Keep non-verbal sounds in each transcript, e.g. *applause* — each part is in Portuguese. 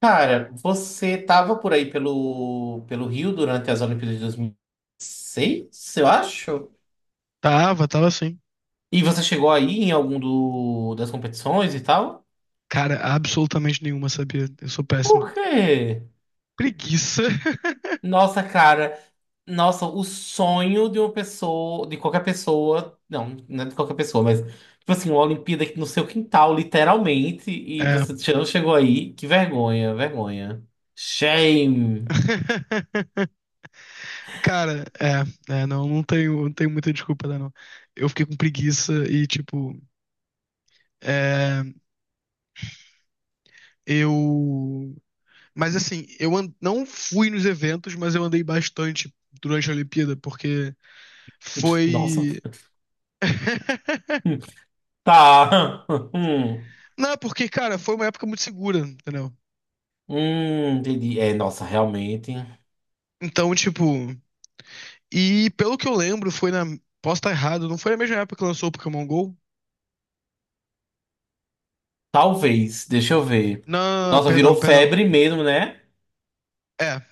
Cara, você tava por aí pelo Rio durante as Olimpíadas de 2006, eu acho? Tava, tava sim. E você chegou aí em algum das competições e tal? Cara, absolutamente nenhuma, sabia? Eu sou Por péssimo. quê? Preguiça. *laughs* Nossa, cara, nossa, o sonho de uma pessoa, de qualquer pessoa, não, não é de qualquer pessoa, mas, tipo assim, uma Olimpíada aqui no seu quintal, literalmente, e É. você não chegou aí, que vergonha, vergonha. Shame. *laughs* Cara, não, não tenho muita desculpa, né, não. Eu fiquei com preguiça e, tipo, é, eu. Mas, assim, não fui nos eventos, mas eu andei bastante durante a Olimpíada, porque *laughs* Nossa, foi. *laughs* *laughs* tá. *laughs* Não, porque, cara, foi uma época muito segura, entendeu? Entendi. É, nossa, realmente. Então, tipo. E pelo que eu lembro, foi na. Posso estar errado, não foi na mesma época que lançou o Pokémon GO? Talvez, deixa eu ver. Não, Nossa, virou perdão, perdão. febre mesmo, né? É.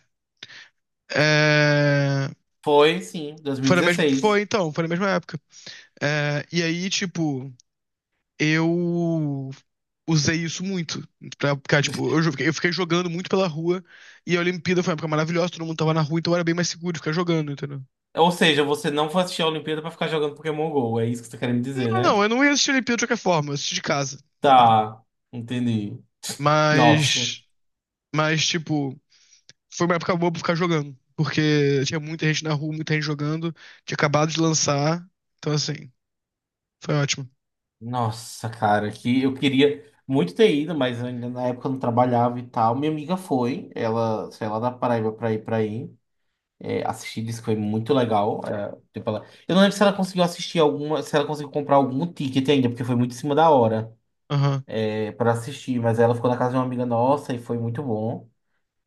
é, Foi, sim, Foi na mesma. Foi 2016. então, foi na mesma época. É. E aí, tipo, eu usei isso muito. Pra ficar, tipo, eu fiquei jogando muito pela rua. E a Olimpíada foi uma época maravilhosa, todo mundo tava na rua, então era bem mais seguro de ficar jogando, entendeu? Ou seja, você não foi assistir a Olimpíada pra ficar jogando Pokémon Go, é isso que você tá querendo me dizer, Não, né? não, eu não ia assistir a Olimpíada de qualquer forma, eu assisti de casa, entendeu? Tá, entendi. *laughs* Nossa. Mas. Mas, tipo. Foi uma época boa pra ficar jogando, porque tinha muita gente na rua, muita gente jogando, tinha acabado de lançar, então assim, foi ótimo. Nossa, cara, que eu queria muito ter ido, mas ainda na época eu não trabalhava e tal. Minha amiga foi, ela saiu lá da Paraíba pra ir pra aí. Assistir, disse que foi muito legal. Tipo, eu não lembro se ela conseguiu assistir alguma, se ela conseguiu comprar algum ticket ainda, porque foi muito em cima da hora Aham. Para assistir, mas ela ficou na casa de uma amiga nossa e foi muito bom.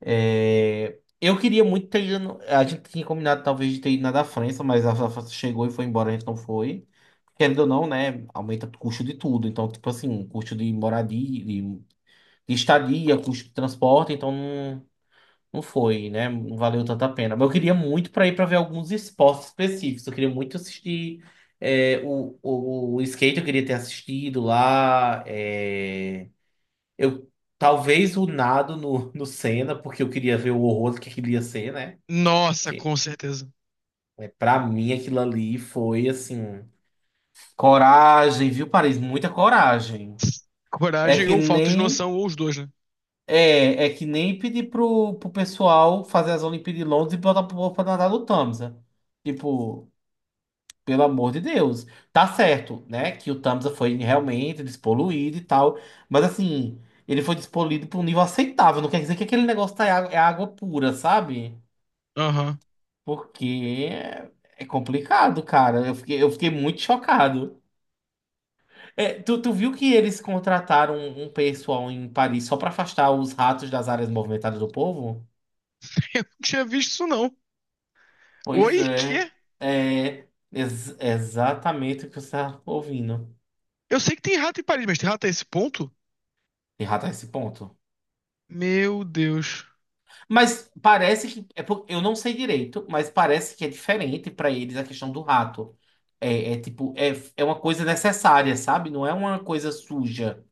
É, eu queria muito ter ido. A gente tinha combinado talvez de ter ido na da França, mas a da França chegou e foi embora, a gente não foi. Querendo ou não, né? Aumenta o custo de tudo. Então, tipo assim, um custo de moradia, de estadia, custo de transporte, então não. Não foi, né? Não valeu tanta pena. Mas eu queria muito para ir para ver alguns esportes específicos. Eu queria muito assistir o skate, eu queria ter assistido lá. É, eu Talvez o nado no Senna, porque eu queria ver o horror que aquilo ia ser, né? Nossa, Porque com certeza. Para mim aquilo ali foi assim. Coragem, viu, Paris? Muita coragem. É Coragem que ou falta de nem. noção, ou os dois, né? É que nem pedir pro pessoal fazer as Olimpíadas de Londres e botar pro povo pra nadar no Tamsa. Tipo, pelo amor de Deus. Tá certo, né? Que o Tamsa foi realmente despoluído e tal. Mas assim, ele foi despoluído pra um nível aceitável. Não quer dizer que aquele negócio tá, é água pura, sabe? Aham. Porque é complicado, cara. Eu fiquei muito chocado. É, tu viu que eles contrataram um pessoal em Paris só pra afastar os ratos das áreas movimentadas do povo? *laughs* Eu não tinha visto isso, não. Pois Oi, quê? é, exatamente o que você está ouvindo. Eu sei que tem rato em Paris, mas tem rato a esse ponto? Errado esse ponto. Meu Deus. Mas parece que é eu não sei direito, mas parece que é diferente para eles a questão do rato. É tipo, é uma coisa necessária, sabe? Não é uma coisa suja.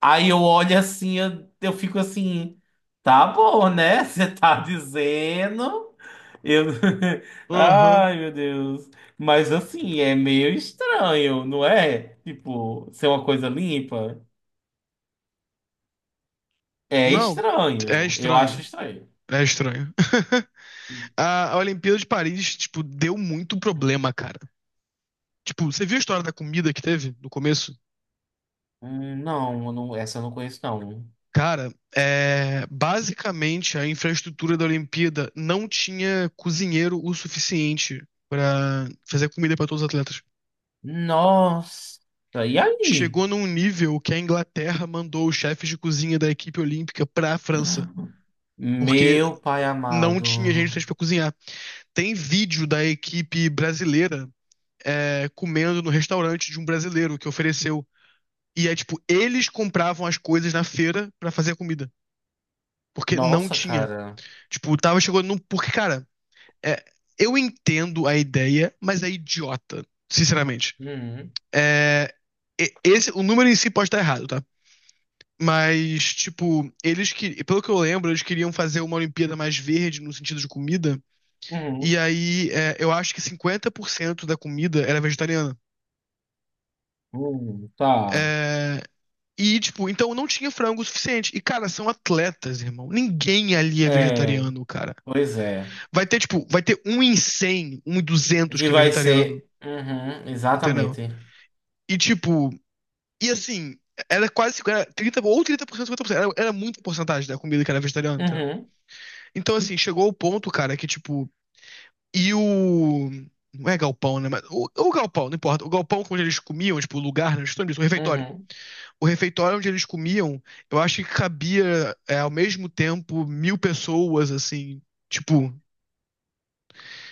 Aí eu olho assim, eu fico assim, tá bom, né? *laughs* Você tá dizendo. Eu... *laughs* Aham. Ai, meu Deus. Mas assim, é meio estranho, não é? Tipo, ser uma coisa limpa. É Não, é estranho. Eu acho estranho. estranho. É estranho. *laughs* E- A Olimpíada de Paris, tipo, deu muito problema, cara. Tipo, você viu a história da comida que teve no começo? Não, eu não, essa eu não conheço, não. Cara, basicamente a infraestrutura da Olimpíada não tinha cozinheiro o suficiente pra fazer comida pra todos os atletas. Nossa, e aí? Chegou num nível que a Inglaterra mandou os chefes de cozinha da equipe olímpica pra França, porque Meu pai não amado. tinha gente suficiente pra cozinhar. Tem vídeo da equipe brasileira comendo no restaurante de um brasileiro que ofereceu. E é tipo, eles compravam as coisas na feira pra fazer a comida, porque não Nossa, tinha. cara. Tipo, tava chegando num. Porque, cara. É, eu entendo a ideia, mas é idiota, sinceramente. Uhum, É, Esse, o número em si pode estar errado, tá? Mas, tipo, eles que, pelo que eu lembro, eles queriam fazer uma Olimpíada mais verde no sentido de comida. uhum, E aí, eu acho que 50% da comida era vegetariana. uhum, tá. É, e, tipo, então não tinha frango o suficiente. E, cara, são atletas, irmão. Ninguém ali é É, vegetariano, cara. pois é. Vai ter, tipo, vai ter um em 100, um em 200 Que que é vai vegetariano, ser. Uhum, entendeu? exatamente. E, tipo, e assim, era quase era 30 ou 30%, 50%. Era muita porcentagem da comida que era vegetariana, entendeu? Uhum, Então, assim, chegou o ponto, cara, que tipo. E o. Não é galpão, né? Mas o galpão, não importa. O galpão onde eles comiam, tipo, o lugar, né? Estou nisso, o refeitório. uhum. O refeitório onde eles comiam, eu acho que cabia, ao mesmo tempo, 1.000 pessoas, assim. Tipo,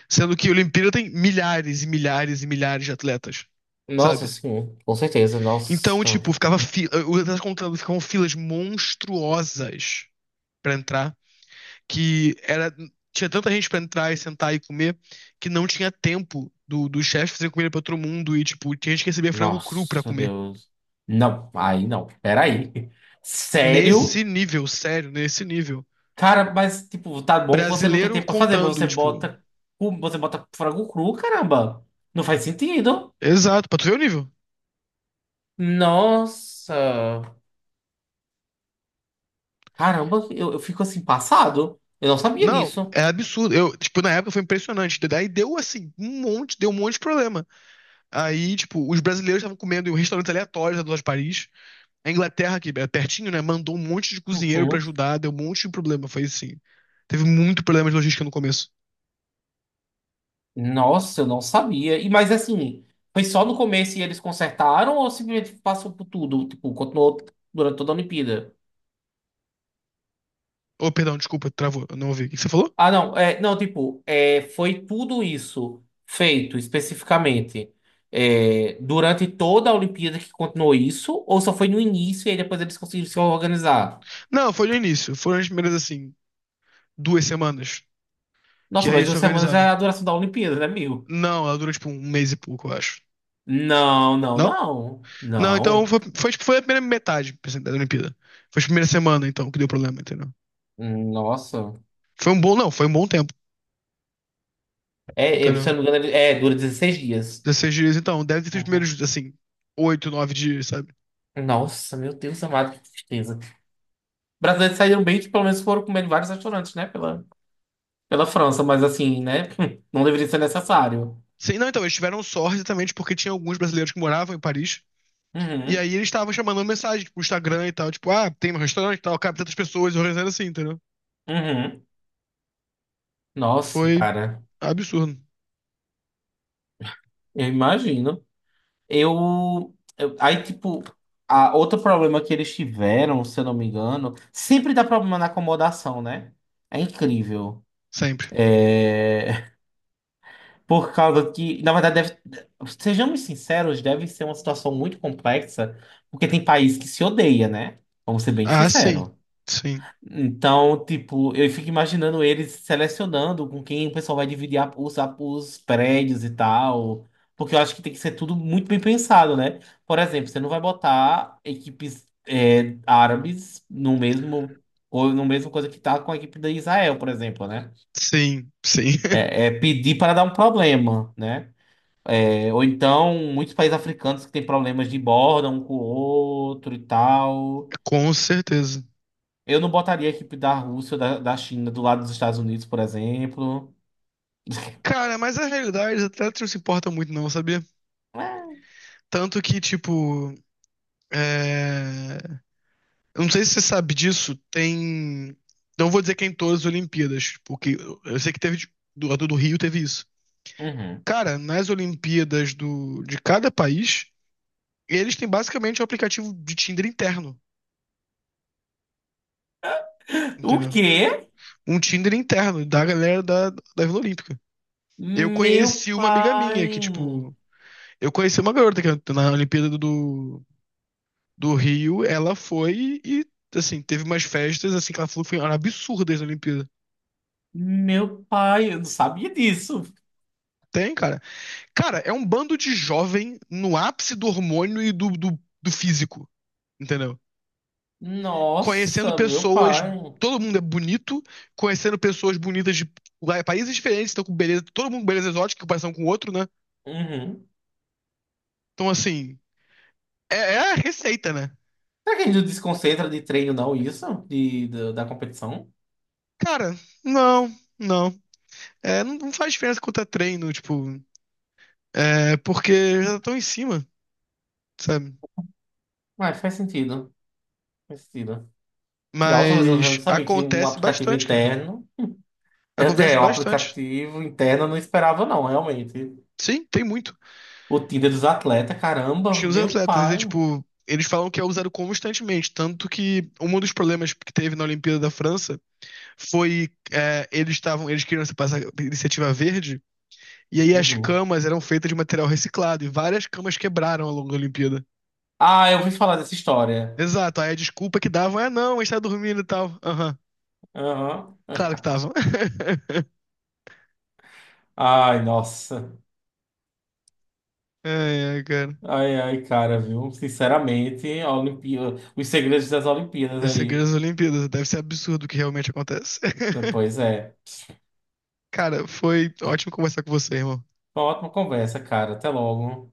sendo que a Olimpíada tem milhares e milhares e milhares de atletas, Nossa, sabe? sim, com certeza. Então, Nossa, tipo, ficava fila. Os atletas contando, ficavam filas monstruosas pra entrar, que era tinha tanta gente pra entrar e sentar e comer que não tinha tempo do chefe fazer comida pra todo mundo e, tipo, tinha gente que recebia frango cru pra nossa, comer. Deus. Não, aí não. Peraí. Sério? Nesse nível, sério, nesse nível. Cara, mas, tipo, tá bom que você não tem Brasileiro tempo pra fazer, mas contando, você tipo, bota, você bota frango cru, caramba. Não faz sentido. exato, pra tu ver o nível. Nossa. Caramba, eu fico assim, passado. Eu não sabia Não, disso. é absurdo. Eu, tipo, na época foi impressionante. Daí deu assim, um monte, deu um monte de problema. Aí, tipo, os brasileiros estavam comendo em um restaurante aleatório da Loja de Paris. A Inglaterra, que é pertinho, né? Mandou um monte de cozinheiro pra Uhum. ajudar, deu um monte de problema. Foi assim. Teve muito problema de logística no começo. Nossa, eu não sabia. Mas assim, foi só no começo e eles consertaram ou simplesmente passou por tudo? Tipo, continuou durante toda a Olimpíada? Oh, perdão, desculpa, travou, eu não ouvi. O que você falou? Ah, não, não, tipo, foi tudo isso feito especificamente, durante toda a Olimpíada que continuou isso, ou só foi no início e aí depois eles conseguiram se organizar? Não, foi no início. Foram as primeiras, assim, 2 semanas. Que Nossa, aí mas eles se duas semanas organizaram. é a duração da Olimpíada, né, meu? Não, ela dura tipo um mês e pouco, eu acho. Não, não, Não? não, Não, então não. foi, tipo, foi a primeira metade por da Olimpíada. Foi a primeira semana, então, que deu problema, entendeu? Nossa, Foi um bom, não, foi um bom tempo, se eu entendeu? não me engano, dura 16 dias. 16 dias, então, deve ter sido os Uhum. primeiros, assim, 8, 9 dias, sabe? Nossa, meu Deus amado, que tristeza. Brasileiros saíram bem que pelo menos foram comer em vários restaurantes, né, pela França, mas assim, né, *laughs* não deveria ser necessário. Sim, não, então, eles tiveram sorte exatamente porque tinha alguns brasileiros que moravam em Paris. E Uhum, aí eles estavam chamando mensagem pro Instagram e tal, tipo, ah, tem um restaurante e tal, cabe tantas pessoas, organizando assim, entendeu? uhum. Nossa, Foi cara, absurdo. eu imagino. Aí, tipo, outro problema que eles tiveram, se eu não me engano, sempre dá problema na acomodação, né? É incrível. Sempre. É, *laughs* por causa que, na verdade, deve, sejamos sinceros, deve ser uma situação muito complexa, porque tem país que se odeia, né? Vamos ser bem Ah, sim. sinceros. Sim. Então, tipo, eu fico imaginando eles selecionando com quem o pessoal vai dividir os prédios e tal. Porque eu acho que tem que ser tudo muito bem pensado, né? Por exemplo, você não vai botar equipes árabes no mesmo, ou no mesmo coisa que tá com a equipe da Israel, por exemplo, né? Sim. Sim. É pedir para dar um problema, né? É, ou então, muitos países africanos que têm problemas de borda um com o outro e tal. *laughs* Com certeza. Eu não botaria a equipe da Rússia ou da China do lado dos Estados Unidos, por exemplo. Cara, mas a realidade até não se importa muito, não, sabia? É, Tanto que, tipo. É... Eu não sei se você sabe disso, tem. Não vou dizer que é em todas as Olimpíadas, porque eu sei que teve. A do Rio teve isso. uhum. Cara, nas Olimpíadas do, de cada país, eles têm basicamente um aplicativo de Tinder interno, O entendeu? quê? Um Tinder interno da galera da Vila Olímpica. Eu Meu conheci uma amiga minha que, pai. tipo, eu conheci uma garota que na Olimpíada do Rio, ela foi e, assim, teve umas festas, assim, que ela falou que foram absurdas na Olimpíada. Meu pai, eu não sabia disso. Tem, cara. Cara, é um bando de jovem no ápice do hormônio e do físico, entendeu? Conhecendo Nossa, meu pessoas. pai. Todo mundo é bonito, conhecendo pessoas bonitas de países diferentes, estão com beleza, todo mundo com beleza exótica, comparação com o outro, né? Uhum. Então, assim, é a receita, né? Será que a gente não desconcentra de treino, não, isso? Da competição? Cara, não, não. É, não, não faz diferença quanto é treino, tipo, é porque já estão em cima, sabe? Ué, faz sentido. Faz sentido. Nossa, mas eu não Mas sabia que um acontece aplicativo bastante, cara. interno. É, Acontece Um bastante. aplicativo interno eu não esperava, não, realmente. Sim, tem muito. O Tinder dos atletas, Acho que caramba, os meu atletas, eles, pai. tipo, eles falam que é usado constantemente, tanto que um dos problemas que teve na Olimpíada da França foi eles queriam passar iniciativa verde e aí as Uhum. camas eram feitas de material reciclado e várias camas quebraram ao longo da Olimpíada. Ah, eu ouvi falar dessa história. Exato, aí a desculpa que davam é não, a gente tá dormindo e tal. Aham, Aham. claro que estavam. Ai, nossa. *laughs* Ai, ai, cara. Ai, ai, cara, viu? Sinceramente. Os segredos das Olimpíadas Os aí. segredos das Olimpíadas, deve ser absurdo o que realmente acontece. Pois é. *laughs* Cara, foi ótimo conversar com você, irmão. Uma ótima conversa, cara. Até logo.